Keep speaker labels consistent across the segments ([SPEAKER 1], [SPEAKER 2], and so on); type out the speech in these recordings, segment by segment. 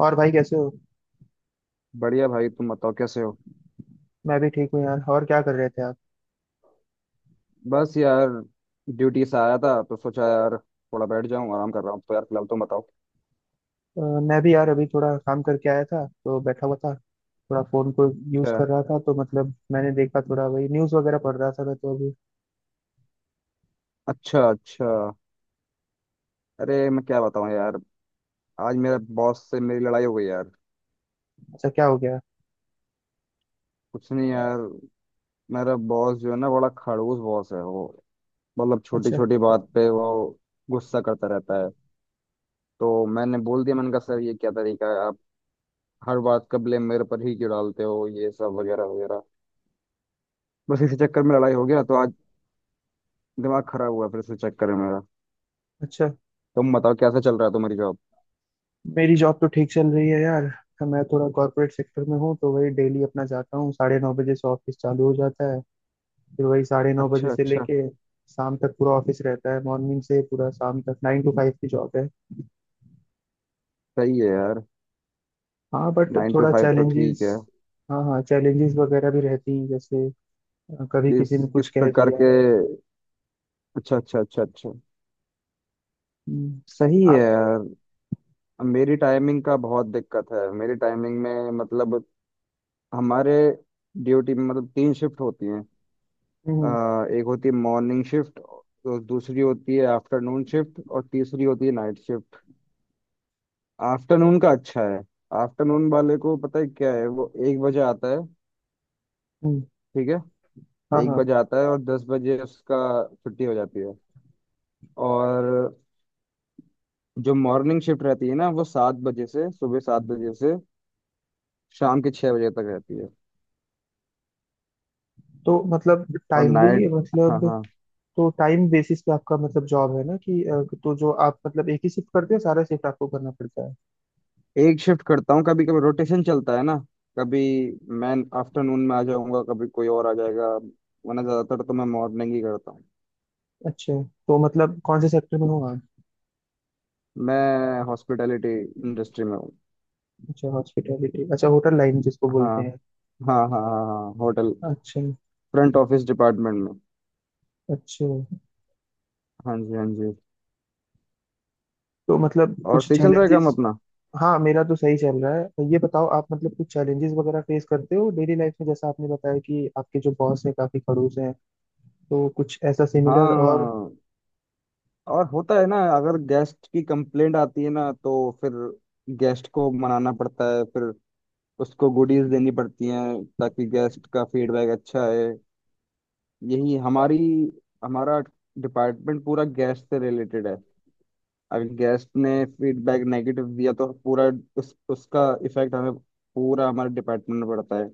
[SPEAKER 1] और भाई कैसे हो।
[SPEAKER 2] बढ़िया भाई, तुम बताओ कैसे हो।
[SPEAKER 1] मैं भी ठीक हूँ यार। और क्या कर रहे थे आप।
[SPEAKER 2] बस यार, ड्यूटी से आया था तो सोचा यार थोड़ा बैठ जाऊं, आराम कर रहा हूँ। तो यार फिलहाल तुम बताओ।
[SPEAKER 1] अ, मैं भी यार अभी थोड़ा काम करके आया था तो बैठा हुआ था। थोड़ा फोन को यूज
[SPEAKER 2] अच्छा,
[SPEAKER 1] कर रहा था तो मतलब मैंने देखा थोड़ा वही न्यूज वगैरह पढ़ रहा था मैं तो अभी।
[SPEAKER 2] अच्छा, अच्छा। अरे मैं क्या बताऊं यार, आज मेरे बॉस से मेरी लड़ाई हो गई यार।
[SPEAKER 1] अच्छा क्या हो गया।
[SPEAKER 2] कुछ नहीं यार, मेरा बॉस जो है ना, बड़ा खड़ूस बॉस है वो। मतलब छोटी
[SPEAKER 1] अच्छा
[SPEAKER 2] छोटी बात पे वो गुस्सा करता रहता है। तो मैंने बोल दिया, मैंने कहा सर ये क्या तरीका है, आप हर बात का ब्लेम मेरे पर ही क्यों डालते हो, ये सब वगैरह वगैरह। बस इसी चक्कर में लड़ाई हो गया तो आज दिमाग खराब हुआ, फिर इसी चक्कर में मेरा।
[SPEAKER 1] अच्छा।
[SPEAKER 2] तुम बताओ कैसा चल रहा है तुम्हारी जॉब।
[SPEAKER 1] मेरी जॉब तो ठीक चल रही है यार। मैं थोड़ा कॉर्पोरेट सेक्टर में हूँ तो वही डेली अपना जाता हूँ, साढ़े नौ बजे से ऑफिस चालू हो जाता है। फिर वही साढ़े नौ बजे
[SPEAKER 2] अच्छा,
[SPEAKER 1] से
[SPEAKER 2] अच्छा।
[SPEAKER 1] लेके शाम तक पूरा ऑफिस रहता है, मॉर्निंग से पूरा शाम तक नाइन टू फाइव की जॉब है।
[SPEAKER 2] सही है यार।
[SPEAKER 1] हाँ बट
[SPEAKER 2] नाइन टू
[SPEAKER 1] थोड़ा
[SPEAKER 2] फाइव तो
[SPEAKER 1] चैलेंजेस।
[SPEAKER 2] ठीक है।
[SPEAKER 1] हाँ हाँ चैलेंजेस वगैरह भी रहती हैं जैसे कभी
[SPEAKER 2] किस
[SPEAKER 1] किसी ने
[SPEAKER 2] किस
[SPEAKER 1] कुछ कह
[SPEAKER 2] प्रकार
[SPEAKER 1] दिया।
[SPEAKER 2] के। अच्छा, अच्छा, अच्छा, अच्छा।
[SPEAKER 1] हम्म,
[SPEAKER 2] सही है
[SPEAKER 1] आप।
[SPEAKER 2] यार। मेरी टाइमिंग का बहुत दिक्कत है, मेरी टाइमिंग में मतलब, हमारे ड्यूटी में मतलब तीन शिफ्ट होती हैं।
[SPEAKER 1] हम्म
[SPEAKER 2] एक होती है मॉर्निंग शिफ्ट, तो दूसरी होती है आफ्टरनून शिफ्ट, और तीसरी होती है नाइट शिफ्ट। आफ्टरनून का अच्छा है। आफ्टरनून वाले को पता है क्या है, वो एक बजे आता है।
[SPEAKER 1] हम्म,
[SPEAKER 2] ठीक है,
[SPEAKER 1] हाँ
[SPEAKER 2] एक
[SPEAKER 1] हाँ।
[SPEAKER 2] बजे आता है और दस बजे उसका छुट्टी हो जाती है। और जो मॉर्निंग शिफ्ट रहती है ना, वो सात बजे से, सुबह सात बजे से शाम के छह बजे तक रहती है।
[SPEAKER 1] तो मतलब
[SPEAKER 2] और
[SPEAKER 1] टाइमली
[SPEAKER 2] नाइट। हाँ,
[SPEAKER 1] मतलब।
[SPEAKER 2] हाँ।
[SPEAKER 1] तो टाइम बेसिस पे आपका मतलब जॉब है ना कि तो जो आप मतलब एक ही शिफ्ट करते हो सारा शिफ्ट आपको करना पड़ता है।
[SPEAKER 2] एक शिफ्ट करता हूँ, कभी कभी रोटेशन चलता है ना। कभी मैं आफ्टरनून में आ जाऊंगा, कभी कोई और आ जाएगा। वरना ज़्यादातर तो मैं मॉर्निंग ही करता हूँ।
[SPEAKER 1] अच्छा। तो मतलब कौन से सेक्टर में हो आप।
[SPEAKER 2] मैं हॉस्पिटैलिटी इंडस्ट्री में हूँ।
[SPEAKER 1] अच्छा हॉस्पिटैलिटी अच्छा होटल लाइन जिसको
[SPEAKER 2] हाँ,
[SPEAKER 1] बोलते हैं।
[SPEAKER 2] हाँ, हाँ, हाँ, हाँ, होटल।
[SPEAKER 1] अच्छा।
[SPEAKER 2] फ्रंट ऑफिस डिपार्टमेंट में।
[SPEAKER 1] अच्छा।
[SPEAKER 2] हाँ जी, हाँ जी।
[SPEAKER 1] तो मतलब
[SPEAKER 2] और
[SPEAKER 1] कुछ
[SPEAKER 2] सही चल रहा है काम
[SPEAKER 1] चैलेंजेस।
[SPEAKER 2] अपना।
[SPEAKER 1] हाँ मेरा तो सही चल रहा है तो ये बताओ आप मतलब कुछ चैलेंजेस वगैरह फेस करते हो डेली लाइफ में, जैसा आपने बताया कि आपके जो बॉस हैं काफी खड़ूस हैं। तो कुछ ऐसा सिमिलर और।
[SPEAKER 2] हाँ, और होता है ना, अगर गेस्ट की कंप्लेंट आती है ना, तो फिर गेस्ट को मनाना पड़ता है। फिर उसको गुडीज देनी पड़ती हैं ताकि गेस्ट का फीडबैक अच्छा है। यही हमारी हमारा डिपार्टमेंट पूरा गेस्ट से रिलेटेड है। अगर गेस्ट ने फीडबैक नेगेटिव दिया तो पूरा उसका इफेक्ट हमें, पूरा हमारे डिपार्टमेंट में पड़ता है।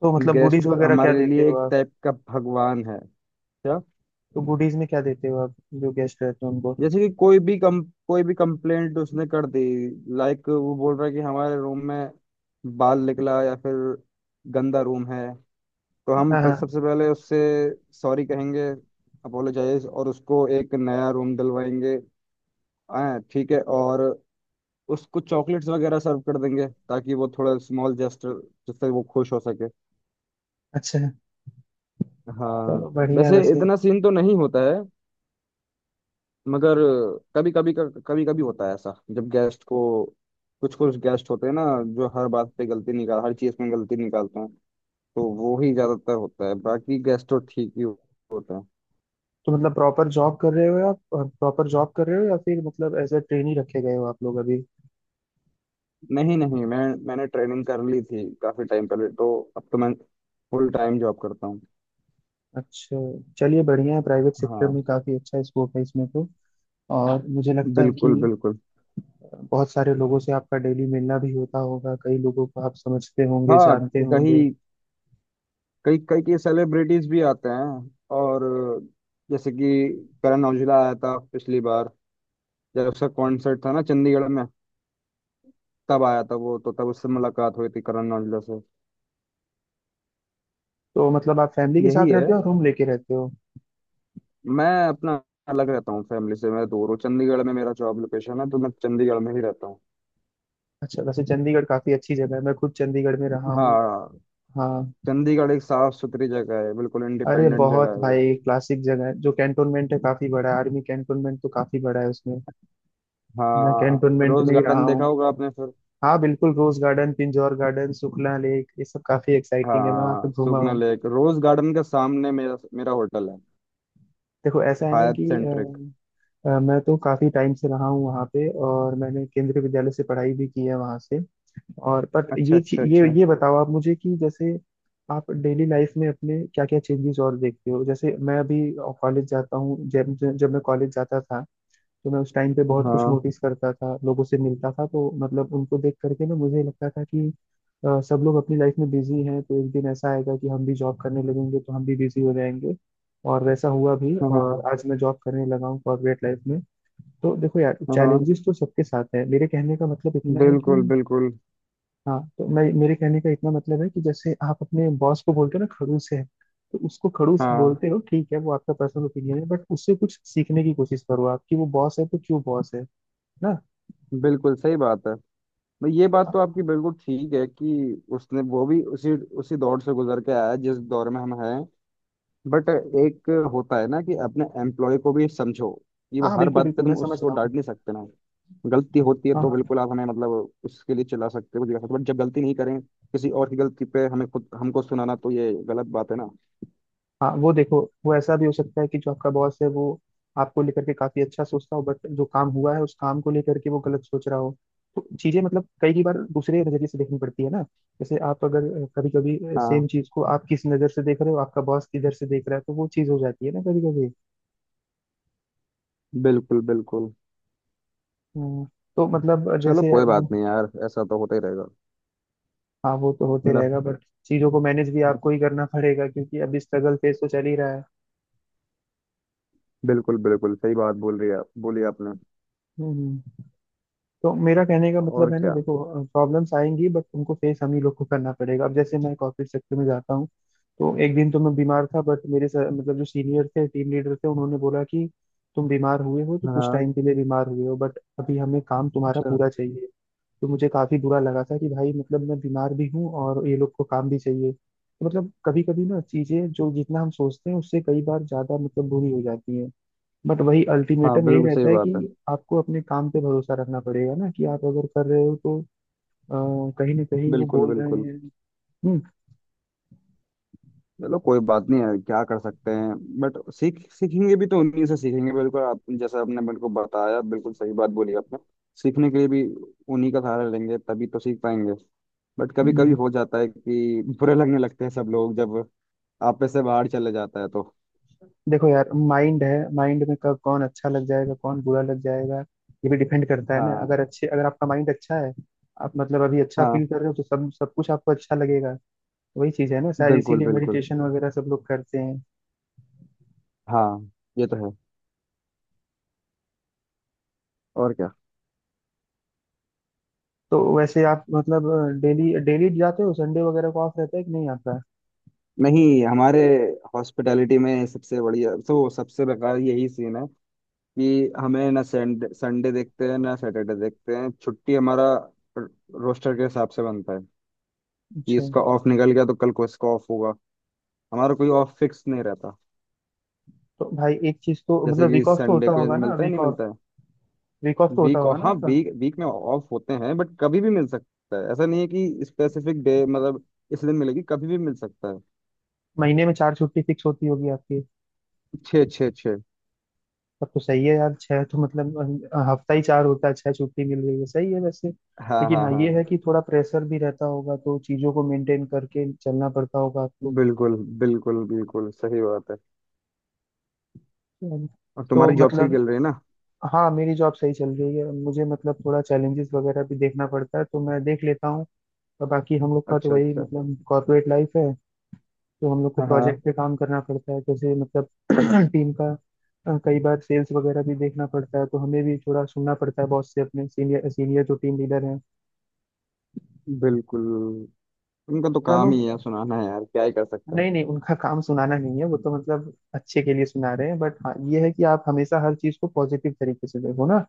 [SPEAKER 1] तो मतलब गुडीज
[SPEAKER 2] गेस्ट
[SPEAKER 1] वगैरह क्या
[SPEAKER 2] हमारे
[SPEAKER 1] देते
[SPEAKER 2] लिए
[SPEAKER 1] हो
[SPEAKER 2] एक
[SPEAKER 1] आप।
[SPEAKER 2] टाइप का भगवान है। क्या।
[SPEAKER 1] तो गुडीज में क्या देते हो आप, जो गेस्ट रहते हो उनको।
[SPEAKER 2] जैसे कि कोई भी कम, कोई भी कंप्लेंट उसने कर दी, लाइक वो बोल रहा है कि हमारे रूम में बाल निकला, या फिर गंदा रूम है, तो हम
[SPEAKER 1] हाँ हाँ,
[SPEAKER 2] सबसे पहले उससे सॉरी कहेंगे, अपोलोजाइज, और उसको एक नया रूम दिलवाएंगे। हाँ ठीक है, और उसको चॉकलेट्स वगैरह सर्व कर देंगे ताकि वो थोड़ा, स्मॉल जेस्टर, जिससे वो खुश हो सके।
[SPEAKER 1] अच्छा।
[SPEAKER 2] हाँ।
[SPEAKER 1] चलो बढ़िया है
[SPEAKER 2] वैसे
[SPEAKER 1] वैसे।
[SPEAKER 2] इतना सीन तो नहीं होता है, मगर कभी कभी, कभी कभी होता है ऐसा। जब गेस्ट को, कुछ कुछ गेस्ट होते हैं ना जो हर बात पे गलती निकाल, हर चीज में गलती निकालते हैं, तो वो ही ज्यादातर होता है। बाकी गेस्ट तो ठीक ही होता है।
[SPEAKER 1] तो मतलब प्रॉपर जॉब कर रहे हो आप, प्रॉपर जॉब कर रहे हो या फिर मतलब एज अ ट्रेनी रखे गए हो आप लोग अभी।
[SPEAKER 2] नहीं नहीं, मैं, मैंने ट्रेनिंग कर ली थी काफी टाइम पहले, तो अब तो मैं फुल टाइम जॉब करता हूँ।
[SPEAKER 1] अच्छा। चलिए बढ़िया है, प्राइवेट सेक्टर
[SPEAKER 2] हाँ।
[SPEAKER 1] में काफी अच्छा स्कोप है इसमें तो। और मुझे लगता है कि
[SPEAKER 2] बिल्कुल, बिल्कुल।
[SPEAKER 1] बहुत सारे लोगों से आपका डेली मिलना भी होता होगा, कई लोगों को आप समझते होंगे
[SPEAKER 2] हाँ।
[SPEAKER 1] जानते होंगे।
[SPEAKER 2] कहीं, कई कई कई सेलिब्रिटीज भी आते हैं, और जैसे कि करण औजला आया था पिछली बार, जब उसका कॉन्सर्ट था ना चंडीगढ़ में, तब आया था वो। तो तब उससे मुलाकात हुई थी, करण औजला से।
[SPEAKER 1] तो मतलब आप फैमिली के
[SPEAKER 2] यही
[SPEAKER 1] साथ
[SPEAKER 2] है,
[SPEAKER 1] रहते हो और रूम लेके रहते हो।
[SPEAKER 2] मैं अपना अलग रहता हूँ, फैमिली से मैं दूर हूँ। चंडीगढ़ में मेरा जॉब लोकेशन है, तो मैं चंडीगढ़ में ही रहता हूँ।
[SPEAKER 1] अच्छा वैसे चंडीगढ़ काफी अच्छी जगह है, मैं खुद चंडीगढ़ में रहा हूँ।
[SPEAKER 2] हाँ।
[SPEAKER 1] हाँ।
[SPEAKER 2] चंडीगढ़ एक साफ सुथरी जगह है, बिल्कुल
[SPEAKER 1] अरे
[SPEAKER 2] इंडिपेंडेंट जगह
[SPEAKER 1] बहुत
[SPEAKER 2] है वो।
[SPEAKER 1] भाई क्लासिक जगह है, जो कैंटोनमेंट है काफी बड़ा है, आर्मी कैंटोनमेंट तो काफी बड़ा है उसमें। मैं
[SPEAKER 2] हाँ,
[SPEAKER 1] कैंटोनमेंट
[SPEAKER 2] रोज
[SPEAKER 1] में ही रहा
[SPEAKER 2] गार्डन
[SPEAKER 1] हूँ।
[SPEAKER 2] देखा होगा आपने फिर।
[SPEAKER 1] हाँ बिल्कुल, rose garden, Pinjore garden, Sukhna lake, ये सब काफी एक्साइटिंग है, मैं वहाँ पे
[SPEAKER 2] हाँ,
[SPEAKER 1] घूमा
[SPEAKER 2] सुगना
[SPEAKER 1] हूँ।
[SPEAKER 2] लेक, रोज गार्डन के सामने मेरा मेरा होटल है।
[SPEAKER 1] देखो ऐसा है ना
[SPEAKER 2] हयात
[SPEAKER 1] कि
[SPEAKER 2] सेंट्रिक।
[SPEAKER 1] मैं तो काफ़ी टाइम से रहा हूँ वहाँ पे, और मैंने केंद्रीय विद्यालय से पढ़ाई भी की है वहाँ से। और बट
[SPEAKER 2] अच्छा,
[SPEAKER 1] ये ची-
[SPEAKER 2] अच्छा, अच्छा।
[SPEAKER 1] ये बताओ आप मुझे कि जैसे आप डेली लाइफ में अपने क्या क्या चेंजेस और देखते हो। जैसे मैं अभी कॉलेज जाता हूँ, जब जब मैं कॉलेज जाता था तो मैं उस टाइम पे बहुत कुछ
[SPEAKER 2] हाँ,
[SPEAKER 1] नोटिस करता था, लोगों से मिलता था, तो मतलब उनको देख करके ना मुझे लगता था कि सब लोग अपनी लाइफ में बिजी हैं, तो एक दिन ऐसा आएगा कि हम भी जॉब करने लगेंगे तो हम भी बिजी हो जाएंगे। और वैसा हुआ भी, और
[SPEAKER 2] हाँ,
[SPEAKER 1] आज मैं जॉब करने लगा हूँ कॉर्पोरेट लाइफ में। तो देखो यार
[SPEAKER 2] हाँ।
[SPEAKER 1] चैलेंजेस तो सबके साथ है, मेरे कहने का मतलब इतना है कि।
[SPEAKER 2] बिल्कुल, बिल्कुल।
[SPEAKER 1] हाँ तो मैं, मेरे कहने का इतना मतलब है कि जैसे आप अपने बॉस को बोलते हो ना खड़ूस है, तो उसको खड़ूस
[SPEAKER 2] हाँ
[SPEAKER 1] बोलते हो ठीक है, वो आपका पर्सनल ओपिनियन है बट उससे कुछ सीखने की कोशिश करो आप कि वो बॉस है तो क्यों बॉस है ना।
[SPEAKER 2] बिल्कुल सही बात है। मैं ये बात
[SPEAKER 1] हाँ
[SPEAKER 2] तो आपकी बिल्कुल ठीक है, कि उसने वो भी उसी उसी दौर से गुजर के आया है, जिस दौर में हम हैं। बट एक होता है ना, कि अपने एम्प्लॉय को भी समझो। ये वो
[SPEAKER 1] हाँ
[SPEAKER 2] हर
[SPEAKER 1] बिल्कुल
[SPEAKER 2] बात पे
[SPEAKER 1] बिल्कुल मैं
[SPEAKER 2] तुम
[SPEAKER 1] समझ
[SPEAKER 2] उसको
[SPEAKER 1] रहा
[SPEAKER 2] डांट
[SPEAKER 1] हूँ।
[SPEAKER 2] नहीं सकते ना। गलती होती है
[SPEAKER 1] हाँ
[SPEAKER 2] तो
[SPEAKER 1] हाँ।
[SPEAKER 2] बिल्कुल आप हमें मतलब उसके लिए चिल्ला सकते हो, कुछ कर सकते हो, बट जब गलती नहीं करें, किसी और की गलती पे हमें खुद, हमको सुनाना, तो ये गलत बात है ना।
[SPEAKER 1] हाँ वो देखो, वो ऐसा भी हो सकता है कि जो आपका बॉस है वो आपको लेकर के काफी अच्छा सोचता हो बट जो काम हुआ है उस काम को लेकर के वो गलत सोच रहा हो। तो चीजें मतलब कई कई बार दूसरे नजरिए से देखनी पड़ती है ना। जैसे आप अगर कभी कभी सेम
[SPEAKER 2] हाँ
[SPEAKER 1] चीज को आप किस नजर से देख रहे हो, आपका बॉस किधर से देख रहा है, तो वो चीज हो जाती है ना कभी कभी।
[SPEAKER 2] बिल्कुल, बिल्कुल।
[SPEAKER 1] हम्म, तो मतलब
[SPEAKER 2] चलो
[SPEAKER 1] जैसे
[SPEAKER 2] कोई
[SPEAKER 1] अब।
[SPEAKER 2] बात नहीं यार, ऐसा तो होता ही रहेगा।
[SPEAKER 1] हाँ वो तो होते
[SPEAKER 2] है ना।
[SPEAKER 1] रहेगा बट चीजों को मैनेज भी आपको ही करना पड़ेगा, क्योंकि अभी स्ट्रगल फेज तो चल ही रहा है।
[SPEAKER 2] बिल्कुल, बिल्कुल, सही बात बोल रही है, बोली आपने।
[SPEAKER 1] हम्म हम्म। तो मेरा कहने का मतलब
[SPEAKER 2] और
[SPEAKER 1] है ना
[SPEAKER 2] क्या।
[SPEAKER 1] देखो, प्रॉब्लम्स आएंगी बट तुमको फेस हम ही लोग को करना पड़ेगा। अब जैसे मैं कॉर्पोरेट सेक्टर में जाता हूँ, तो एक दिन तो मैं बीमार था बट मतलब जो सीनियर थे टीम लीडर थे उन्होंने बोला कि तुम बीमार हुए हो तो कुछ
[SPEAKER 2] हाँ,
[SPEAKER 1] टाइम के लिए बीमार हुए हो बट अभी हमें काम तुम्हारा पूरा चाहिए। तो मुझे काफी बुरा लगा था कि भाई मतलब मैं बीमार भी हूँ और ये लोग को काम भी चाहिए, तो मतलब कभी कभी ना चीजें जो जितना हम सोचते हैं उससे कई बार ज्यादा मतलब बुरी हो जाती है। बट वही
[SPEAKER 2] हाँ,
[SPEAKER 1] अल्टीमेटम यही
[SPEAKER 2] बिल्कुल सही
[SPEAKER 1] रहता है
[SPEAKER 2] बात है।
[SPEAKER 1] कि आपको अपने काम पे भरोसा रखना पड़ेगा ना, कि आप अगर कर रहे हो तो अ, कहीं ना कहीं वो
[SPEAKER 2] बिल्कुल,
[SPEAKER 1] बोल रहे
[SPEAKER 2] बिल्कुल।
[SPEAKER 1] हैं। हम्म
[SPEAKER 2] चलो कोई बात नहीं है, क्या कर सकते हैं। बट सीख, सीखेंगे भी तो उन्हीं से सीखेंगे, बिल्कुल। आप जैसा आपने मेरे को बताया, बिल्कुल सही बात बोली आपने। सीखने के लिए भी उन्हीं का सहारा लेंगे, तभी तो सीख पाएंगे। बट कभी कभी
[SPEAKER 1] हम्म।
[SPEAKER 2] हो जाता है कि बुरे लगने लगते हैं सब लोग, जब आपस से बाहर चले जाता है तो।
[SPEAKER 1] देखो यार माइंड है, माइंड में कब कौन अच्छा लग जाएगा कौन बुरा लग जाएगा ये भी डिपेंड करता है ना।
[SPEAKER 2] हाँ,
[SPEAKER 1] अगर अच्छे, अगर आपका माइंड अच्छा है, आप मतलब अभी अच्छा
[SPEAKER 2] हाँ।
[SPEAKER 1] फील कर रहे हो तो सब सब कुछ आपको अच्छा लगेगा। तो वही चीज है ना, शायद
[SPEAKER 2] बिल्कुल,
[SPEAKER 1] इसीलिए
[SPEAKER 2] बिल्कुल।
[SPEAKER 1] मेडिटेशन वगैरह सब लोग करते हैं।
[SPEAKER 2] हाँ, ये तो है। और क्या।
[SPEAKER 1] तो वैसे आप मतलब डेली डेली जाते हो, संडे वगैरह को ऑफ रहता है कि नहीं आता।
[SPEAKER 2] नहीं हमारे हॉस्पिटैलिटी में सबसे बढ़िया तो सबसे बेकार यही सीन है, कि हमें ना संडे संडे देखते हैं ना सैटरडे देखते हैं, छुट्टी हमारा रोस्टर के हिसाब से बनता है। कि
[SPEAKER 1] अच्छा।
[SPEAKER 2] इसका ऑफ निकल गया तो कल को इसका ऑफ होगा, हमारा कोई ऑफ फिक्स नहीं रहता।
[SPEAKER 1] तो भाई एक चीज तो
[SPEAKER 2] जैसे
[SPEAKER 1] मतलब
[SPEAKER 2] कि
[SPEAKER 1] वीक ऑफ तो
[SPEAKER 2] संडे
[SPEAKER 1] होता
[SPEAKER 2] को
[SPEAKER 1] होगा
[SPEAKER 2] जैसे
[SPEAKER 1] ना
[SPEAKER 2] मिलता है,
[SPEAKER 1] वीक
[SPEAKER 2] नहीं
[SPEAKER 1] ऑफ।
[SPEAKER 2] मिलता है।
[SPEAKER 1] वीक ऑफ तो होता
[SPEAKER 2] वीक
[SPEAKER 1] होगा
[SPEAKER 2] ऑफ,
[SPEAKER 1] ना
[SPEAKER 2] हाँ
[SPEAKER 1] आपका।
[SPEAKER 2] वीक, वीक में ऑफ होते हैं। बट कभी भी मिल सकता है, ऐसा नहीं है कि स्पेसिफिक डे मतलब इस दिन मिलेगी, कभी भी मिल सकता है।
[SPEAKER 1] महीने में चार छुट्टी फिक्स होती होगी आपकी।
[SPEAKER 2] छः, छः, छः।
[SPEAKER 1] तब तो सही है यार, छह तो मतलब हफ्ता ही चार होता है, छह छुट्टी मिल रही है, सही है वैसे।
[SPEAKER 2] हाँ,
[SPEAKER 1] लेकिन
[SPEAKER 2] हाँ,
[SPEAKER 1] हाँ ये
[SPEAKER 2] हाँ।
[SPEAKER 1] है कि थोड़ा प्रेशर भी रहता होगा तो चीजों को मेंटेन करके चलना पड़ता होगा आपको।
[SPEAKER 2] बिल्कुल, बिल्कुल, बिल्कुल सही बात है। और
[SPEAKER 1] तो
[SPEAKER 2] तुम्हारी जॉब से ही
[SPEAKER 1] मतलब।
[SPEAKER 2] चल रही है ना।
[SPEAKER 1] हाँ मेरी जॉब सही चल रही है, मुझे मतलब थोड़ा चैलेंजेस वगैरह भी देखना पड़ता है तो मैं देख लेता हूँ। और बाकी हम लोग का तो
[SPEAKER 2] अच्छा,
[SPEAKER 1] वही
[SPEAKER 2] अच्छा।
[SPEAKER 1] मतलब कॉर्पोरेट लाइफ है। तो हम लोग को
[SPEAKER 2] हाँ, हाँ।
[SPEAKER 1] प्रोजेक्ट पे काम करना पड़ता है, जैसे मतलब टीम का कई बार सेल्स वगैरह भी देखना पड़ता है, तो हमें भी थोड़ा सुनना पड़ता है बॉस से, अपने सीनियर, सीनियर जो टीम लीडर हैं।
[SPEAKER 2] बिल्कुल। उनका तो
[SPEAKER 1] चलो।
[SPEAKER 2] काम ही है, सुनाना है यार, क्या ही कर सकता है।
[SPEAKER 1] नहीं नहीं, उनका काम सुनाना नहीं है, वो तो मतलब अच्छे के लिए सुना रहे हैं, बट हाँ ये है कि आप हमेशा हर चीज को पॉजिटिव तरीके से देखो ना।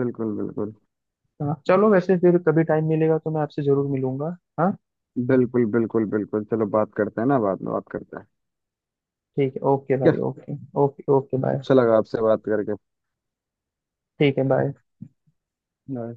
[SPEAKER 2] बिल्कुल, बिल्कुल,
[SPEAKER 1] हाँ, चलो वैसे फिर कभी टाइम मिलेगा तो मैं आपसे जरूर मिलूंगा, हाँ।
[SPEAKER 2] बिल्कुल, बिल्कुल, बिल्कुल, चलो बात करते हैं ना, बाद में बात करते हैं।
[SPEAKER 1] ठीक है ओके
[SPEAKER 2] ठीक
[SPEAKER 1] भाई
[SPEAKER 2] है।
[SPEAKER 1] ओके। Okay okay bye.
[SPEAKER 2] अच्छा लगा आपसे बात करके।
[SPEAKER 1] ठीक है बाय।
[SPEAKER 2] बाय।